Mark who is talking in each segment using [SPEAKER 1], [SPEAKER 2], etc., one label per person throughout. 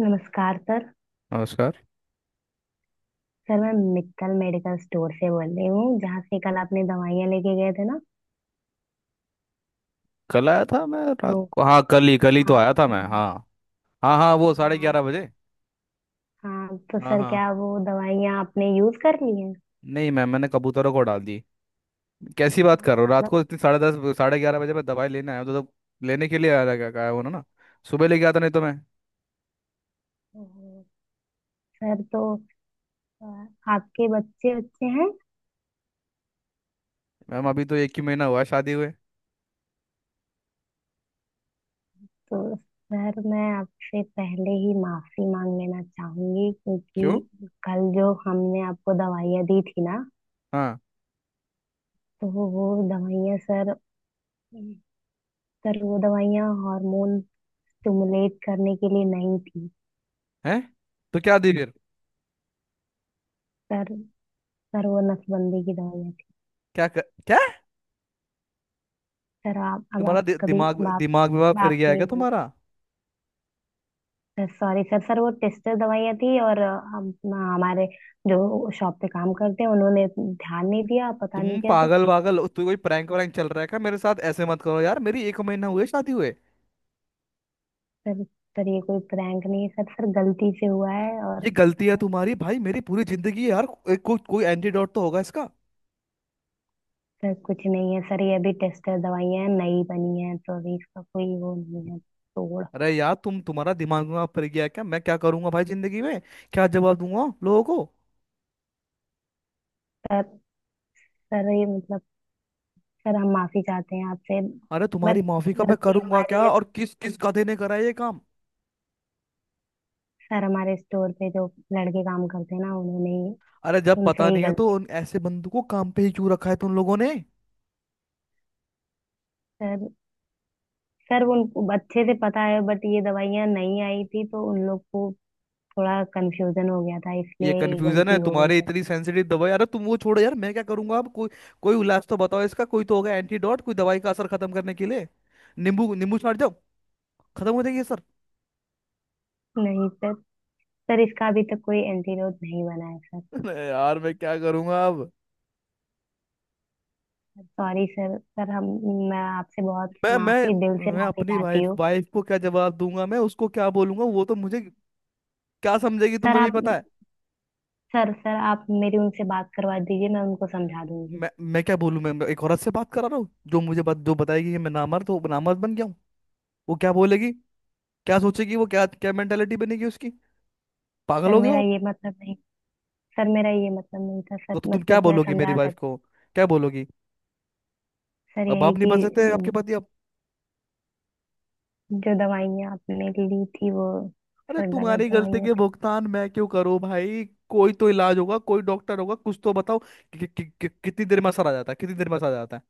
[SPEAKER 1] नमस्कार सर।
[SPEAKER 2] नमस्कार।
[SPEAKER 1] सर मैं मित्तल मेडिकल स्टोर से बोल रही हूँ जहाँ से कल आपने दवाइयाँ लेके गए थे ना।
[SPEAKER 2] कल आया था मैं रात
[SPEAKER 1] तो
[SPEAKER 2] को। हाँ, कल ही तो
[SPEAKER 1] हाँ
[SPEAKER 2] आया था मैं।
[SPEAKER 1] वहाँ-
[SPEAKER 2] हाँ हाँ हाँ, वो साढ़े
[SPEAKER 1] हाँ
[SPEAKER 2] ग्यारह बजे
[SPEAKER 1] हाँ। तो
[SPEAKER 2] हाँ
[SPEAKER 1] सर
[SPEAKER 2] हाँ।
[SPEAKER 1] क्या वो दवाइयाँ आपने यूज कर ली हैं।
[SPEAKER 2] नहीं मैम, मैंने कबूतरों को डाल दी। कैसी बात
[SPEAKER 1] हाँ,
[SPEAKER 2] कर रहे हो? रात
[SPEAKER 1] मतलब
[SPEAKER 2] को इतनी 10:30 11:30 बजे मैं दवाई लेने आया हूँ, तो लेने के लिए आया था, क्या कहा उन्होंने ना। सुबह लेके आता, नहीं तो मैं।
[SPEAKER 1] ओहो, सर तो अ, आपके बच्चे बच्चे हैं।
[SPEAKER 2] मैम अभी तो एक ही महीना हुआ है शादी हुए।
[SPEAKER 1] तो सर मैं आपसे पहले ही माफी मांग लेना चाहूंगी
[SPEAKER 2] क्यों?
[SPEAKER 1] क्योंकि कल जो हमने आपको दवाइयाँ दी थी ना।
[SPEAKER 2] हाँ।
[SPEAKER 1] तो वो दवाइयाँ सर। सर वो दवाइयाँ हार्मोन स्टिमुलेट करने के लिए नहीं थी।
[SPEAKER 2] है? तो क्या दी फिर?
[SPEAKER 1] सर सर वो नसबंदी की दवाइयाँ थी।
[SPEAKER 2] क्या कर, क्या
[SPEAKER 1] सर आप अब आप कभी
[SPEAKER 2] दिमाग
[SPEAKER 1] बाप
[SPEAKER 2] दिमाग विभाग फिर
[SPEAKER 1] बाप
[SPEAKER 2] गया है
[SPEAKER 1] नहीं
[SPEAKER 2] क्या
[SPEAKER 1] बन।
[SPEAKER 2] तुम्हारा?
[SPEAKER 1] Sir sorry sir. सर वो टेस्टर दवाइयाँ थी और हम हमारे जो शॉप पे काम करते हैं उन्होंने ध्यान नहीं दिया पता नहीं
[SPEAKER 2] तुम
[SPEAKER 1] कैसे।
[SPEAKER 2] पागल वागल तू कोई प्रैंक वैंक चल रहा है क्या मेरे साथ? ऐसे मत करो यार, मेरी एक महीना हुए शादी हुए।
[SPEAKER 1] सर सर ये कोई प्रैंक नहीं है सर। सर गलती से हुआ है
[SPEAKER 2] ये
[SPEAKER 1] और
[SPEAKER 2] गलती है
[SPEAKER 1] सर।
[SPEAKER 2] तुम्हारी भाई, मेरी पूरी जिंदगी है यार। कोई एंटीडोट तो होगा इसका।
[SPEAKER 1] सर कुछ नहीं है सर। ये अभी टेस्टर दवाइयाँ नई बनी हैं तो अभी इसका कोई वो नहीं है तोड़।
[SPEAKER 2] अरे यार, तुम्हारा दिमाग में फिर गया है क्या? मैं क्या करूंगा भाई जिंदगी में? क्या जवाब दूंगा लोगों को?
[SPEAKER 1] सर सर ये मतलब सर। हम माफी चाहते हैं आपसे
[SPEAKER 2] अरे
[SPEAKER 1] बट
[SPEAKER 2] तुम्हारी माफी का मैं
[SPEAKER 1] गलती
[SPEAKER 2] करूंगा क्या?
[SPEAKER 1] हमारी है।
[SPEAKER 2] और किस किस गधे ने करा ये काम?
[SPEAKER 1] सर हमारे स्टोर पे जो लड़के काम करते हैं ना उन्होंने ही
[SPEAKER 2] अरे जब पता
[SPEAKER 1] उनसे ही
[SPEAKER 2] नहीं है तो
[SPEAKER 1] गलती
[SPEAKER 2] उन ऐसे बंदों को काम पे ही क्यों रखा है तुम लोगों ने?
[SPEAKER 1] है। सर सर उन अच्छे से पता है बट ये दवाइयाँ नहीं आई थी तो उन लोग को थोड़ा कंफ्यूजन हो गया था
[SPEAKER 2] ये
[SPEAKER 1] इसलिए ये
[SPEAKER 2] कंफ्यूजन है
[SPEAKER 1] गलती हो गई
[SPEAKER 2] तुम्हारे,
[SPEAKER 1] सर।
[SPEAKER 2] इतनी सेंसिटिव दवाई? अरे तुम वो छोड़ो यार, मैं क्या करूंगा अब? कोई कोई इलाज तो बताओ इसका, कोई तो होगा एंटीडोट, कोई दवाई का असर खत्म करने के लिए। नींबू नींबू छाट जाओ, खत्म हो जाएगी सर।
[SPEAKER 1] नहीं सर। सर इसका अभी तक कोई एंटीडोट नहीं बना है सर।
[SPEAKER 2] यार मैं क्या करूंगा अब?
[SPEAKER 1] Sorry sir. सर हम मैं आपसे बहुत
[SPEAKER 2] मैं
[SPEAKER 1] माफी दिल से
[SPEAKER 2] मैं
[SPEAKER 1] माफी
[SPEAKER 2] अपनी
[SPEAKER 1] चाहती
[SPEAKER 2] वाइफ
[SPEAKER 1] हूँ।
[SPEAKER 2] वाइफ को क्या जवाब दूंगा? मैं उसको क्या बोलूंगा? वो तो मुझे क्या समझेगी,
[SPEAKER 1] सर
[SPEAKER 2] तुम्हें भी
[SPEAKER 1] आप
[SPEAKER 2] पता है।
[SPEAKER 1] सर। सर आप मेरी उनसे बात करवा दीजिए मैं उनको समझा दूंगी।
[SPEAKER 2] मैं क्या बोलूं? मैं एक औरत से बात करा रहा हूँ जो मुझे बात जो बताएगी कि मैं नामर्द हूँ, नामर्द बन गया हूँ। वो क्या बोलेगी? क्या सोचेगी? वो क्या क्या मेंटेलिटी बनेगी उसकी? पागल
[SPEAKER 1] सर
[SPEAKER 2] हो गए हो
[SPEAKER 1] मेरा
[SPEAKER 2] आप।
[SPEAKER 1] ये मतलब नहीं। सर मेरा ये मतलब नहीं था सर।
[SPEAKER 2] तो तुम क्या
[SPEAKER 1] मतलब मैं
[SPEAKER 2] बोलोगी मेरी
[SPEAKER 1] समझा
[SPEAKER 2] वाइफ
[SPEAKER 1] सक।
[SPEAKER 2] को? क्या बोलोगी?
[SPEAKER 1] सर
[SPEAKER 2] अब
[SPEAKER 1] यही
[SPEAKER 2] आप नहीं बन सकते, आपके
[SPEAKER 1] कि
[SPEAKER 2] पति अब।
[SPEAKER 1] जो दवाइयाँ आपने ली थी वो
[SPEAKER 2] अरे
[SPEAKER 1] सर गलत
[SPEAKER 2] तुम्हारी गलती
[SPEAKER 1] दवाइयाँ
[SPEAKER 2] के
[SPEAKER 1] थी।
[SPEAKER 2] भुगतान मैं क्यों करूँ भाई? कोई तो इलाज होगा, कोई डॉक्टर होगा, कुछ तो बताओ कितनी देर में असर आ जाता है, कितनी देर में असर आ जाता है?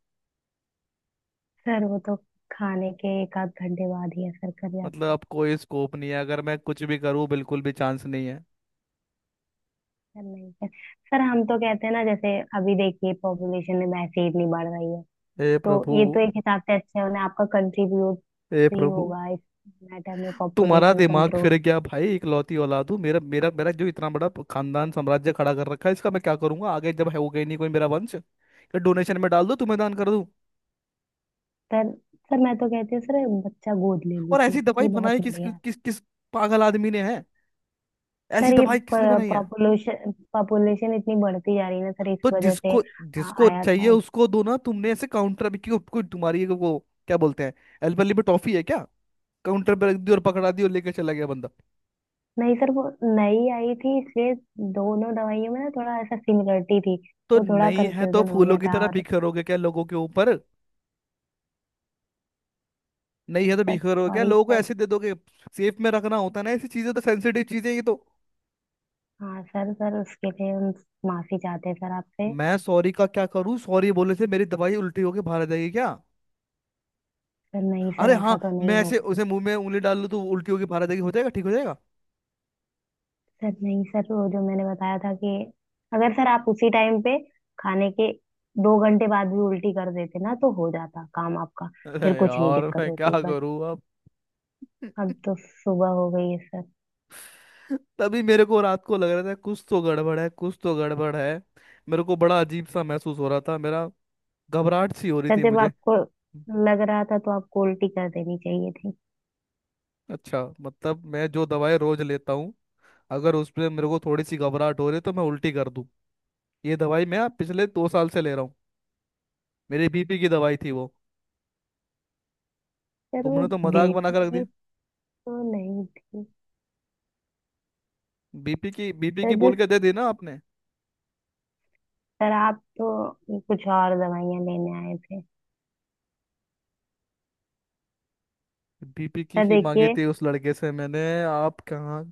[SPEAKER 1] सर वो तो खाने के एक आध घंटे बाद ही असर कर
[SPEAKER 2] मतलब
[SPEAKER 1] जाता है।
[SPEAKER 2] अब कोई स्कोप नहीं है? अगर मैं कुछ भी करूँ बिल्कुल भी चांस नहीं है?
[SPEAKER 1] सर नहीं सर। सर हम तो कहते हैं ना जैसे अभी देखिए पॉपुलेशन में वैसे ही इतनी बढ़ रही है।
[SPEAKER 2] हे
[SPEAKER 1] तो
[SPEAKER 2] प्रभु।
[SPEAKER 1] ये तो एक हिसाब से अच्छा है उन्हें आपका कंट्रीब्यूट
[SPEAKER 2] हे
[SPEAKER 1] भी
[SPEAKER 2] प्रभु।
[SPEAKER 1] होगा इस मैटर में
[SPEAKER 2] तुम्हारा
[SPEAKER 1] पॉपुलेशन
[SPEAKER 2] दिमाग
[SPEAKER 1] कंट्रोल।
[SPEAKER 2] फिर गया भाई। इकलौती औलाद हूँ। मेरा मेरा मेरा जो इतना बड़ा खानदान साम्राज्य खड़ा कर रखा है, इसका मैं क्या करूंगा आगे? जब है होगा ही नहीं कोई मेरा वंश, या डोनेशन में डाल दो, तुम्हें दान कर दूं?
[SPEAKER 1] सर सर मैं तो कहती हूँ सर बच्चा गोद ले
[SPEAKER 2] और
[SPEAKER 1] लीजिए।
[SPEAKER 2] ऐसी दवाई
[SPEAKER 1] ये
[SPEAKER 2] बनाई
[SPEAKER 1] बहुत
[SPEAKER 2] किस
[SPEAKER 1] बढ़िया है।
[SPEAKER 2] किस किस पागल आदमी ने है? ऐसी
[SPEAKER 1] सर ये
[SPEAKER 2] दवाई किस लिए बनाई है?
[SPEAKER 1] पॉपुलेशन पॉपुलेशन इतनी बढ़ती जा रही है ना सर इस
[SPEAKER 2] तो
[SPEAKER 1] वजह से
[SPEAKER 2] जिसको जिसको
[SPEAKER 1] आया
[SPEAKER 2] चाहिए
[SPEAKER 1] था।
[SPEAKER 2] उसको दो ना, तुमने ऐसे काउंटर भी क्यों? कोई तुम्हारी वो क्या बोलते हैं, एल्बली में टॉफी है क्या? काउंटर पे रख दी और पकड़ा दी और लेके चला गया बंदा।
[SPEAKER 1] नहीं सर वो नई आई थी इसलिए दोनों दवाइयों में ना थोड़ा ऐसा सिमिलरिटी थी।
[SPEAKER 2] तो
[SPEAKER 1] तो थोड़ा
[SPEAKER 2] नहीं है तो
[SPEAKER 1] कंफ्यूजन हो
[SPEAKER 2] फूलों
[SPEAKER 1] गया
[SPEAKER 2] की
[SPEAKER 1] था
[SPEAKER 2] तरह
[SPEAKER 1] और
[SPEAKER 2] बिखरोगे क्या लोगों के ऊपर? नहीं है तो
[SPEAKER 1] सर
[SPEAKER 2] बिखरोगे क्या?
[SPEAKER 1] सॉरी
[SPEAKER 2] लोगों को
[SPEAKER 1] सर।
[SPEAKER 2] ऐसे दे दोगे? सेफ में रखना होता है ना ऐसी चीजें, तो सेंसिटिव चीजें ये तो।
[SPEAKER 1] हाँ सर सर उसके लिए हम माफी चाहते हैं सर आपसे।
[SPEAKER 2] मैं सॉरी का क्या करूं? सॉरी बोलने से मेरी दवाई उल्टी होके बाहर आ जाएगी क्या?
[SPEAKER 1] सर नहीं सर
[SPEAKER 2] अरे हाँ,
[SPEAKER 1] ऐसा तो नहीं
[SPEAKER 2] मैं ऐसे
[SPEAKER 1] होगा।
[SPEAKER 2] उसे मुंह में उंगली डाल लूं तो उल्टी होके बाहर आ जाएगी, हो जाएगा ठीक हो जाएगा।
[SPEAKER 1] सर नहीं सर वो जो मैंने बताया था कि अगर सर आप उसी टाइम पे खाने के 2 घंटे बाद भी उल्टी कर देते ना तो हो जाता काम आपका।
[SPEAKER 2] अरे
[SPEAKER 1] फिर कुछ नहीं
[SPEAKER 2] यार
[SPEAKER 1] दिक्कत
[SPEAKER 2] मैं क्या
[SPEAKER 1] होती बट
[SPEAKER 2] करूं अब।
[SPEAKER 1] अब तो सुबह हो गई है सर।
[SPEAKER 2] तभी मेरे को रात को लग रहा था कुछ तो गड़बड़ है, कुछ तो गड़बड़ है। मेरे को बड़ा अजीब सा महसूस हो रहा था। मेरा घबराहट सी हो रही
[SPEAKER 1] सर
[SPEAKER 2] थी
[SPEAKER 1] जब
[SPEAKER 2] मुझे।
[SPEAKER 1] आपको लग रहा था तो आपको उल्टी कर देनी चाहिए थी।
[SPEAKER 2] अच्छा, मतलब मैं जो दवाई रोज लेता हूँ, अगर उसमें मेरे को थोड़ी सी घबराहट हो रही है तो मैं उल्टी कर दूँ? ये दवाई मैं पिछले 2 साल से ले रहा हूँ। मेरी बीपी की दवाई थी वो।
[SPEAKER 1] सर वो
[SPEAKER 2] तुमने तो मजाक बना
[SPEAKER 1] बीपी
[SPEAKER 2] कर रख
[SPEAKER 1] की
[SPEAKER 2] दिया।
[SPEAKER 1] तो नहीं थी।
[SPEAKER 2] बीपी की बीपी
[SPEAKER 1] सर
[SPEAKER 2] की
[SPEAKER 1] जो
[SPEAKER 2] बोल के दे दी ना आपने?
[SPEAKER 1] सर आप तो कुछ और दवाइयां लेने आए थे।
[SPEAKER 2] बीपी की
[SPEAKER 1] सर
[SPEAKER 2] ही मांगी
[SPEAKER 1] देखिए।
[SPEAKER 2] थी उस लड़के से मैंने, आप कहाँ?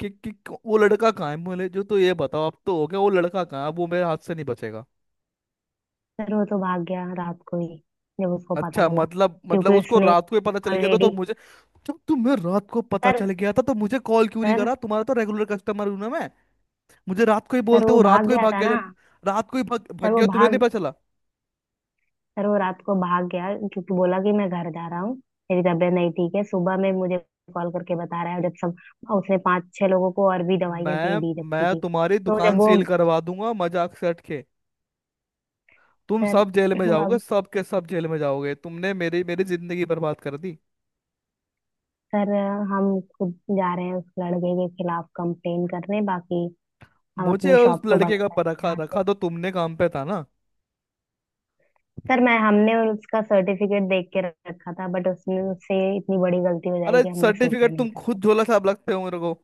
[SPEAKER 2] कि, कि, वो लड़का कहाँ है बोले जो तो ये बताओ अब तो हो गया, वो लड़का कहाँ है? अब वो मेरे हाथ से नहीं बचेगा।
[SPEAKER 1] सर वो तो भाग गया रात को ही जब उसको पता
[SPEAKER 2] अच्छा,
[SPEAKER 1] चला
[SPEAKER 2] मतलब
[SPEAKER 1] क्योंकि
[SPEAKER 2] उसको
[SPEAKER 1] उसने
[SPEAKER 2] रात को ही पता चल गया था तो
[SPEAKER 1] ऑलरेडी
[SPEAKER 2] मुझे। जब तुम्हें रात को पता चल
[SPEAKER 1] सर।
[SPEAKER 2] गया था तो मुझे कॉल क्यों नहीं
[SPEAKER 1] सर
[SPEAKER 2] करा? तुम्हारा तो रेगुलर कस्टमर हूं ना मैं। मुझे रात को ही
[SPEAKER 1] सर
[SPEAKER 2] बोलते
[SPEAKER 1] वो
[SPEAKER 2] हो रात
[SPEAKER 1] भाग
[SPEAKER 2] को ही
[SPEAKER 1] गया
[SPEAKER 2] भाग
[SPEAKER 1] था
[SPEAKER 2] गया
[SPEAKER 1] ना।
[SPEAKER 2] जब? रात को ही भाग,
[SPEAKER 1] सर
[SPEAKER 2] भाग
[SPEAKER 1] वो
[SPEAKER 2] गया तुम्हें नहीं
[SPEAKER 1] भाग
[SPEAKER 2] पता चला?
[SPEAKER 1] सर वो रात को भाग गया क्योंकि बोला कि मैं घर जा रहा हूँ मेरी तबीयत नहीं ठीक है। सुबह में मुझे कॉल करके बता रहा है जब सब उसने पांच छह लोगों को और भी दवाइयां दे
[SPEAKER 2] मैं
[SPEAKER 1] दी रखी
[SPEAKER 2] मैं
[SPEAKER 1] थी।
[SPEAKER 2] तुम्हारी
[SPEAKER 1] तो जब
[SPEAKER 2] दुकान
[SPEAKER 1] वो
[SPEAKER 2] सील करवा दूंगा, मजाक से हट के। तुम
[SPEAKER 1] सर
[SPEAKER 2] सब जेल में जाओगे,
[SPEAKER 1] अब
[SPEAKER 2] सब के सब जेल में जाओगे। तुमने मेरी मेरी जिंदगी बर्बाद कर दी।
[SPEAKER 1] सर हम खुद जा रहे हैं उस लड़के के खिलाफ कंप्लेन करने। बाकी हम
[SPEAKER 2] मुझे
[SPEAKER 1] अपनी
[SPEAKER 2] और उस
[SPEAKER 1] शॉप तो बंद
[SPEAKER 2] लड़के का पर
[SPEAKER 1] करते हैं
[SPEAKER 2] रखा
[SPEAKER 1] यहाँ से।
[SPEAKER 2] रखा तो तुमने काम पे था ना?
[SPEAKER 1] सर मैं हमने उसका सर्टिफिकेट देख के रखा था बट उसने उससे इतनी बड़ी गलती हो
[SPEAKER 2] अरे
[SPEAKER 1] जाएगी हमने सोचा
[SPEAKER 2] सर्टिफिकेट
[SPEAKER 1] नहीं
[SPEAKER 2] तुम
[SPEAKER 1] था सर।
[SPEAKER 2] खुद झोला छाप लगते हो मेरे को।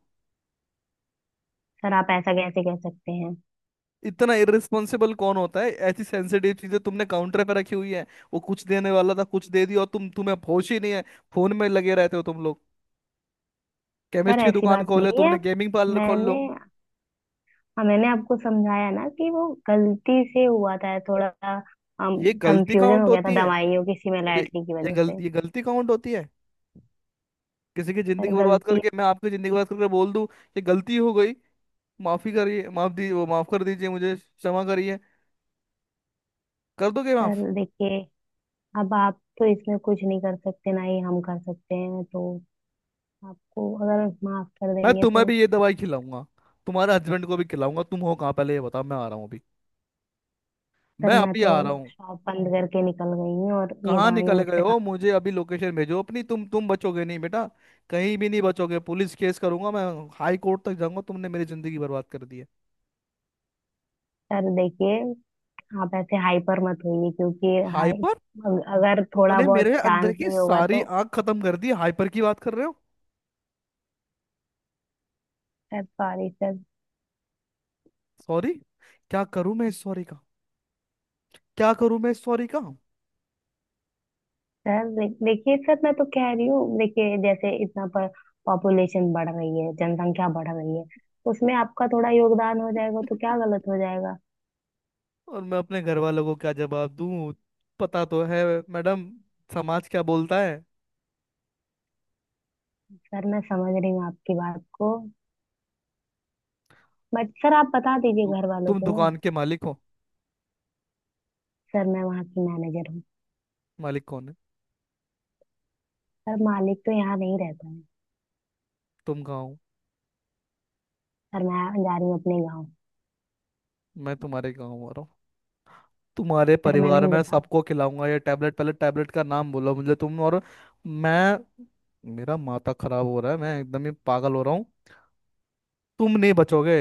[SPEAKER 1] सर, आप ऐसा कैसे कह सकते हैं।
[SPEAKER 2] इतना इररिस्पॉन्सिबल कौन होता है? ऐसी सेंसिटिव चीजें तुमने काउंटर पे रखी हुई है। वो कुछ देने वाला था कुछ दे दिया और तुम, तुम्हें होश ही नहीं है। फोन में लगे रहते हो तुम लोग।
[SPEAKER 1] सर
[SPEAKER 2] केमिस्ट की
[SPEAKER 1] ऐसी
[SPEAKER 2] दुकान
[SPEAKER 1] बात
[SPEAKER 2] खोले,
[SPEAKER 1] नहीं है
[SPEAKER 2] तुमने गेमिंग पार्लर खोल
[SPEAKER 1] मैंने
[SPEAKER 2] लो।
[SPEAKER 1] हाँ मैंने आपको समझाया ना कि वो गलती से हुआ था। थोड़ा
[SPEAKER 2] ये गलती
[SPEAKER 1] कंफ्यूजन
[SPEAKER 2] काउंट
[SPEAKER 1] हो गया था
[SPEAKER 2] होती है?
[SPEAKER 1] दवाइयों की
[SPEAKER 2] ये
[SPEAKER 1] सिमिलैरिटी की वजह से।
[SPEAKER 2] ये गलती काउंट होती है? किसी की जिंदगी
[SPEAKER 1] सर
[SPEAKER 2] बर्बाद
[SPEAKER 1] गलती
[SPEAKER 2] करके, मैं आपकी जिंदगी बर्बाद करके बोल दूं ये गलती हो गई, माफी करिए, माफ दी, वो माफ कर दीजिए मुझे, क्षमा करिए, कर दोगे माफ?
[SPEAKER 1] सर देखिए अब आप तो इसमें कुछ नहीं कर सकते ना ही हम कर सकते हैं तो आपको अगर माफ कर
[SPEAKER 2] मैं
[SPEAKER 1] देंगे
[SPEAKER 2] तुम्हें
[SPEAKER 1] तो।
[SPEAKER 2] भी ये दवाई खिलाऊंगा, तुम्हारे हस्बैंड को भी खिलाऊंगा। तुम हो कहाँ पहले ये बताओ, मैं आ रहा हूँ अभी,
[SPEAKER 1] सर
[SPEAKER 2] मैं
[SPEAKER 1] मैं
[SPEAKER 2] अभी
[SPEAKER 1] तो
[SPEAKER 2] आ रहा हूँ।
[SPEAKER 1] शॉप बंद करके निकल गई हूँ और ये
[SPEAKER 2] कहाँ
[SPEAKER 1] दवाइयाँ
[SPEAKER 2] निकल
[SPEAKER 1] मुझ
[SPEAKER 2] गए
[SPEAKER 1] पे खा।
[SPEAKER 2] हो? मुझे अभी लोकेशन भेजो अपनी। तुम बचोगे नहीं बेटा, कहीं भी नहीं बचोगे। पुलिस केस करूंगा मैं, हाई कोर्ट तक जाऊंगा। तुमने मेरी जिंदगी बर्बाद कर दी है।
[SPEAKER 1] सर देखिए आप ऐसे हाइपर मत होइए क्योंकि हाई
[SPEAKER 2] हाइपर?
[SPEAKER 1] अगर थोड़ा
[SPEAKER 2] तुमने
[SPEAKER 1] बहुत
[SPEAKER 2] मेरे अंदर
[SPEAKER 1] चांस
[SPEAKER 2] की
[SPEAKER 1] भी होगा
[SPEAKER 2] सारी
[SPEAKER 1] तो।
[SPEAKER 2] आग खत्म कर दी, हाइपर की बात कर रहे हो?
[SPEAKER 1] Sir sorry sir.
[SPEAKER 2] सॉरी? क्या करूं मैं इस सॉरी का? क्या करूं मैं इस सॉरी का?
[SPEAKER 1] सर देखिए सर मैं तो कह रही हूँ देखिए जैसे इतना पर पॉपुलेशन बढ़ रही है जनसंख्या बढ़ रही है। उसमें आपका थोड़ा योगदान हो जाएगा तो क्या गलत हो जाएगा।
[SPEAKER 2] और मैं अपने घर वालों को क्या जवाब दूं? पता तो है मैडम, समाज क्या बोलता है।
[SPEAKER 1] सर मैं समझ रही हूँ आपकी बात को बट सर आप बता
[SPEAKER 2] तु,
[SPEAKER 1] दीजिए घर वालों
[SPEAKER 2] तुम
[SPEAKER 1] को ना।
[SPEAKER 2] दुकान के मालिक हो?
[SPEAKER 1] सर मैं वहाँ की मैनेजर हूँ।
[SPEAKER 2] मालिक कौन है?
[SPEAKER 1] सर मालिक तो यहाँ नहीं रहता है।
[SPEAKER 2] तुम कहाँ हो?
[SPEAKER 1] सर मैं जा रही हूँ अपने गाँव।
[SPEAKER 2] मैं तुम्हारे गाँव आ रहा हूँ, तुम्हारे
[SPEAKER 1] सर मैं
[SPEAKER 2] परिवार
[SPEAKER 1] नहीं
[SPEAKER 2] में
[SPEAKER 1] बताऊँ।
[SPEAKER 2] सबको खिलाऊंगा ये टैबलेट। पहले टैबलेट का नाम बोलो मुझे तुम, और मैं। मेरा माथा खराब हो रहा है, मैं एकदम ही पागल हो रहा हूँ। तुम नहीं बचोगे।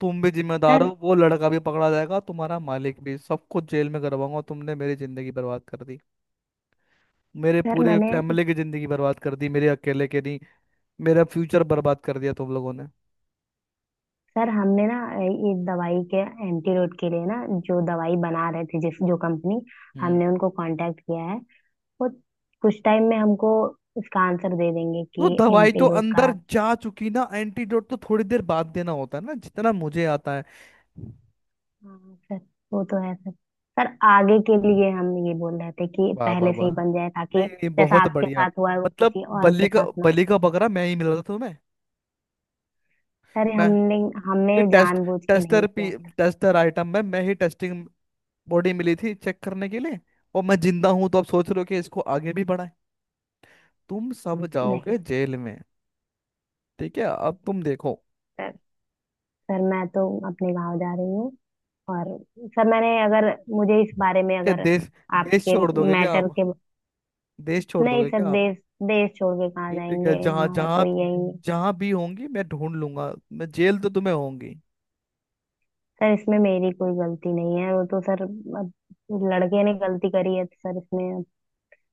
[SPEAKER 2] तुम भी जिम्मेदार हो,
[SPEAKER 1] सर
[SPEAKER 2] वो लड़का भी पकड़ा जाएगा, तुम्हारा मालिक भी, सबको जेल में करवाऊंगा। तुमने मेरी जिंदगी बर्बाद कर दी, मेरे
[SPEAKER 1] सर
[SPEAKER 2] पूरे
[SPEAKER 1] मैंने
[SPEAKER 2] फैमिली की जिंदगी बर्बाद कर दी, मेरे अकेले के नहीं। मेरा फ्यूचर बर्बाद कर दिया तुम लोगों ने।
[SPEAKER 1] सर हमने ना ये दवाई के एंटीरोड के लिए ना जो दवाई बना रहे थे जिस जो कंपनी
[SPEAKER 2] हम्म।
[SPEAKER 1] हमने उनको कांटेक्ट किया है। वो कुछ टाइम में हमको इसका आंसर दे देंगे
[SPEAKER 2] तो
[SPEAKER 1] कि
[SPEAKER 2] दवाई तो
[SPEAKER 1] एंटीडोट
[SPEAKER 2] अंदर
[SPEAKER 1] का।
[SPEAKER 2] जा चुकी ना, एंटीडोट तो थोड़ी देर बाद देना होता है ना, जितना मुझे आता है।
[SPEAKER 1] हाँ सर वो तो है सर। सर आगे के लिए हम ये बोल रहे थे कि
[SPEAKER 2] वाह वाह
[SPEAKER 1] पहले से ही
[SPEAKER 2] वाह।
[SPEAKER 1] बन जाए
[SPEAKER 2] नहीं
[SPEAKER 1] ताकि
[SPEAKER 2] नहीं,
[SPEAKER 1] जैसा
[SPEAKER 2] बहुत
[SPEAKER 1] आपके
[SPEAKER 2] बढ़िया।
[SPEAKER 1] साथ हुआ है वो
[SPEAKER 2] मतलब
[SPEAKER 1] किसी और
[SPEAKER 2] बली
[SPEAKER 1] के
[SPEAKER 2] का
[SPEAKER 1] साथ ना हो।
[SPEAKER 2] बली का बकरा मैं ही मिल रहा था तुम्हें?
[SPEAKER 1] सर
[SPEAKER 2] मैं
[SPEAKER 1] हमने हमने
[SPEAKER 2] ये
[SPEAKER 1] जानबूझ के
[SPEAKER 2] टेस्टर
[SPEAKER 1] नहीं
[SPEAKER 2] पी
[SPEAKER 1] किया था।
[SPEAKER 2] टेस्टर आइटम में मैं ही टेस्टिंग बॉडी मिली थी चेक करने के लिए? और मैं जिंदा हूं तो अब सोच रहे हो कि इसको आगे भी बढ़ाएं? तुम सब
[SPEAKER 1] नहीं
[SPEAKER 2] जाओगे जेल में। ठीक है, अब तुम देखो।
[SPEAKER 1] सर सर मैं तो अपने गांव जा रही हूँ और सर मैंने अगर मुझे इस बारे में
[SPEAKER 2] क्या
[SPEAKER 1] अगर
[SPEAKER 2] देश, देश
[SPEAKER 1] आपके
[SPEAKER 2] छोड़ दोगे क्या
[SPEAKER 1] मैटर
[SPEAKER 2] आप?
[SPEAKER 1] के
[SPEAKER 2] देश छोड़
[SPEAKER 1] नहीं
[SPEAKER 2] दोगे
[SPEAKER 1] सर
[SPEAKER 2] क्या आप?
[SPEAKER 1] देश देश छोड़ के कहाँ
[SPEAKER 2] ये ठीक है,
[SPEAKER 1] जाएंगे
[SPEAKER 2] जहाँ
[SPEAKER 1] हमारा तो
[SPEAKER 2] जहाँ
[SPEAKER 1] यही।
[SPEAKER 2] जहाँ भी होंगी मैं ढूंढ लूंगा, मैं जेल तो तुम्हें होंगी।
[SPEAKER 1] सर इसमें मेरी कोई गलती नहीं है वो तो सर अब लड़के ने गलती करी है तो सर इसमें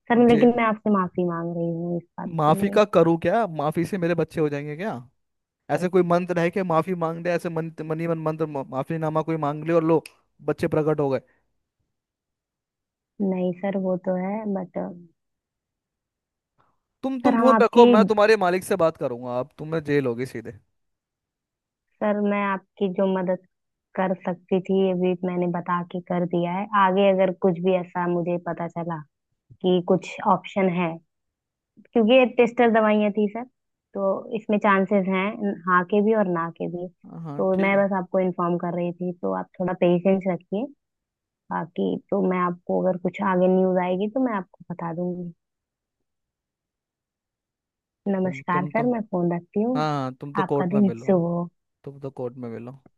[SPEAKER 1] सर
[SPEAKER 2] जेल?
[SPEAKER 1] लेकिन मैं आपसे माफी मांग रही हूँ इस बात के
[SPEAKER 2] माफी
[SPEAKER 1] लिए।
[SPEAKER 2] का करूँ क्या? माफी से मेरे बच्चे हो जाएंगे क्या? ऐसे कोई मंत्र है कि माफी मांग दे ऐसे, मन मन ही मन मंत्र, माफीनामा कोई मांग ले और लो बच्चे प्रकट हो गए?
[SPEAKER 1] नहीं सर वो तो है बट
[SPEAKER 2] तुम
[SPEAKER 1] सर
[SPEAKER 2] तुम
[SPEAKER 1] हम
[SPEAKER 2] फोन
[SPEAKER 1] आपकी
[SPEAKER 2] रखो, मैं तुम्हारे मालिक से बात करूंगा, अब तुम्हें जेल होगी सीधे।
[SPEAKER 1] सर मैं आपकी जो मदद कर सकती थी ये भी मैंने बता के कर दिया है। आगे अगर कुछ भी ऐसा मुझे पता चला कि कुछ ऑप्शन है क्योंकि ये टेस्टर दवाइयाँ थी सर तो इसमें चांसेस हैं हाँ के भी और ना के भी।
[SPEAKER 2] हाँ हाँ,
[SPEAKER 1] तो
[SPEAKER 2] ठीक
[SPEAKER 1] मैं
[SPEAKER 2] है।
[SPEAKER 1] बस आपको इन्फॉर्म कर रही थी तो आप थोड़ा पेशेंस रखिए। बाकी तो मैं आपको अगर कुछ आगे न्यूज आएगी तो मैं आपको बता दूंगी।
[SPEAKER 2] तुम
[SPEAKER 1] नमस्कार
[SPEAKER 2] तुम तो
[SPEAKER 1] सर मैं फोन रखती हूँ।
[SPEAKER 2] हाँ हाँ, तुम तो
[SPEAKER 1] आपका
[SPEAKER 2] कोर्ट में
[SPEAKER 1] दिन
[SPEAKER 2] मिलो,
[SPEAKER 1] शुभ हो।
[SPEAKER 2] तुम तो कोर्ट में मिलो।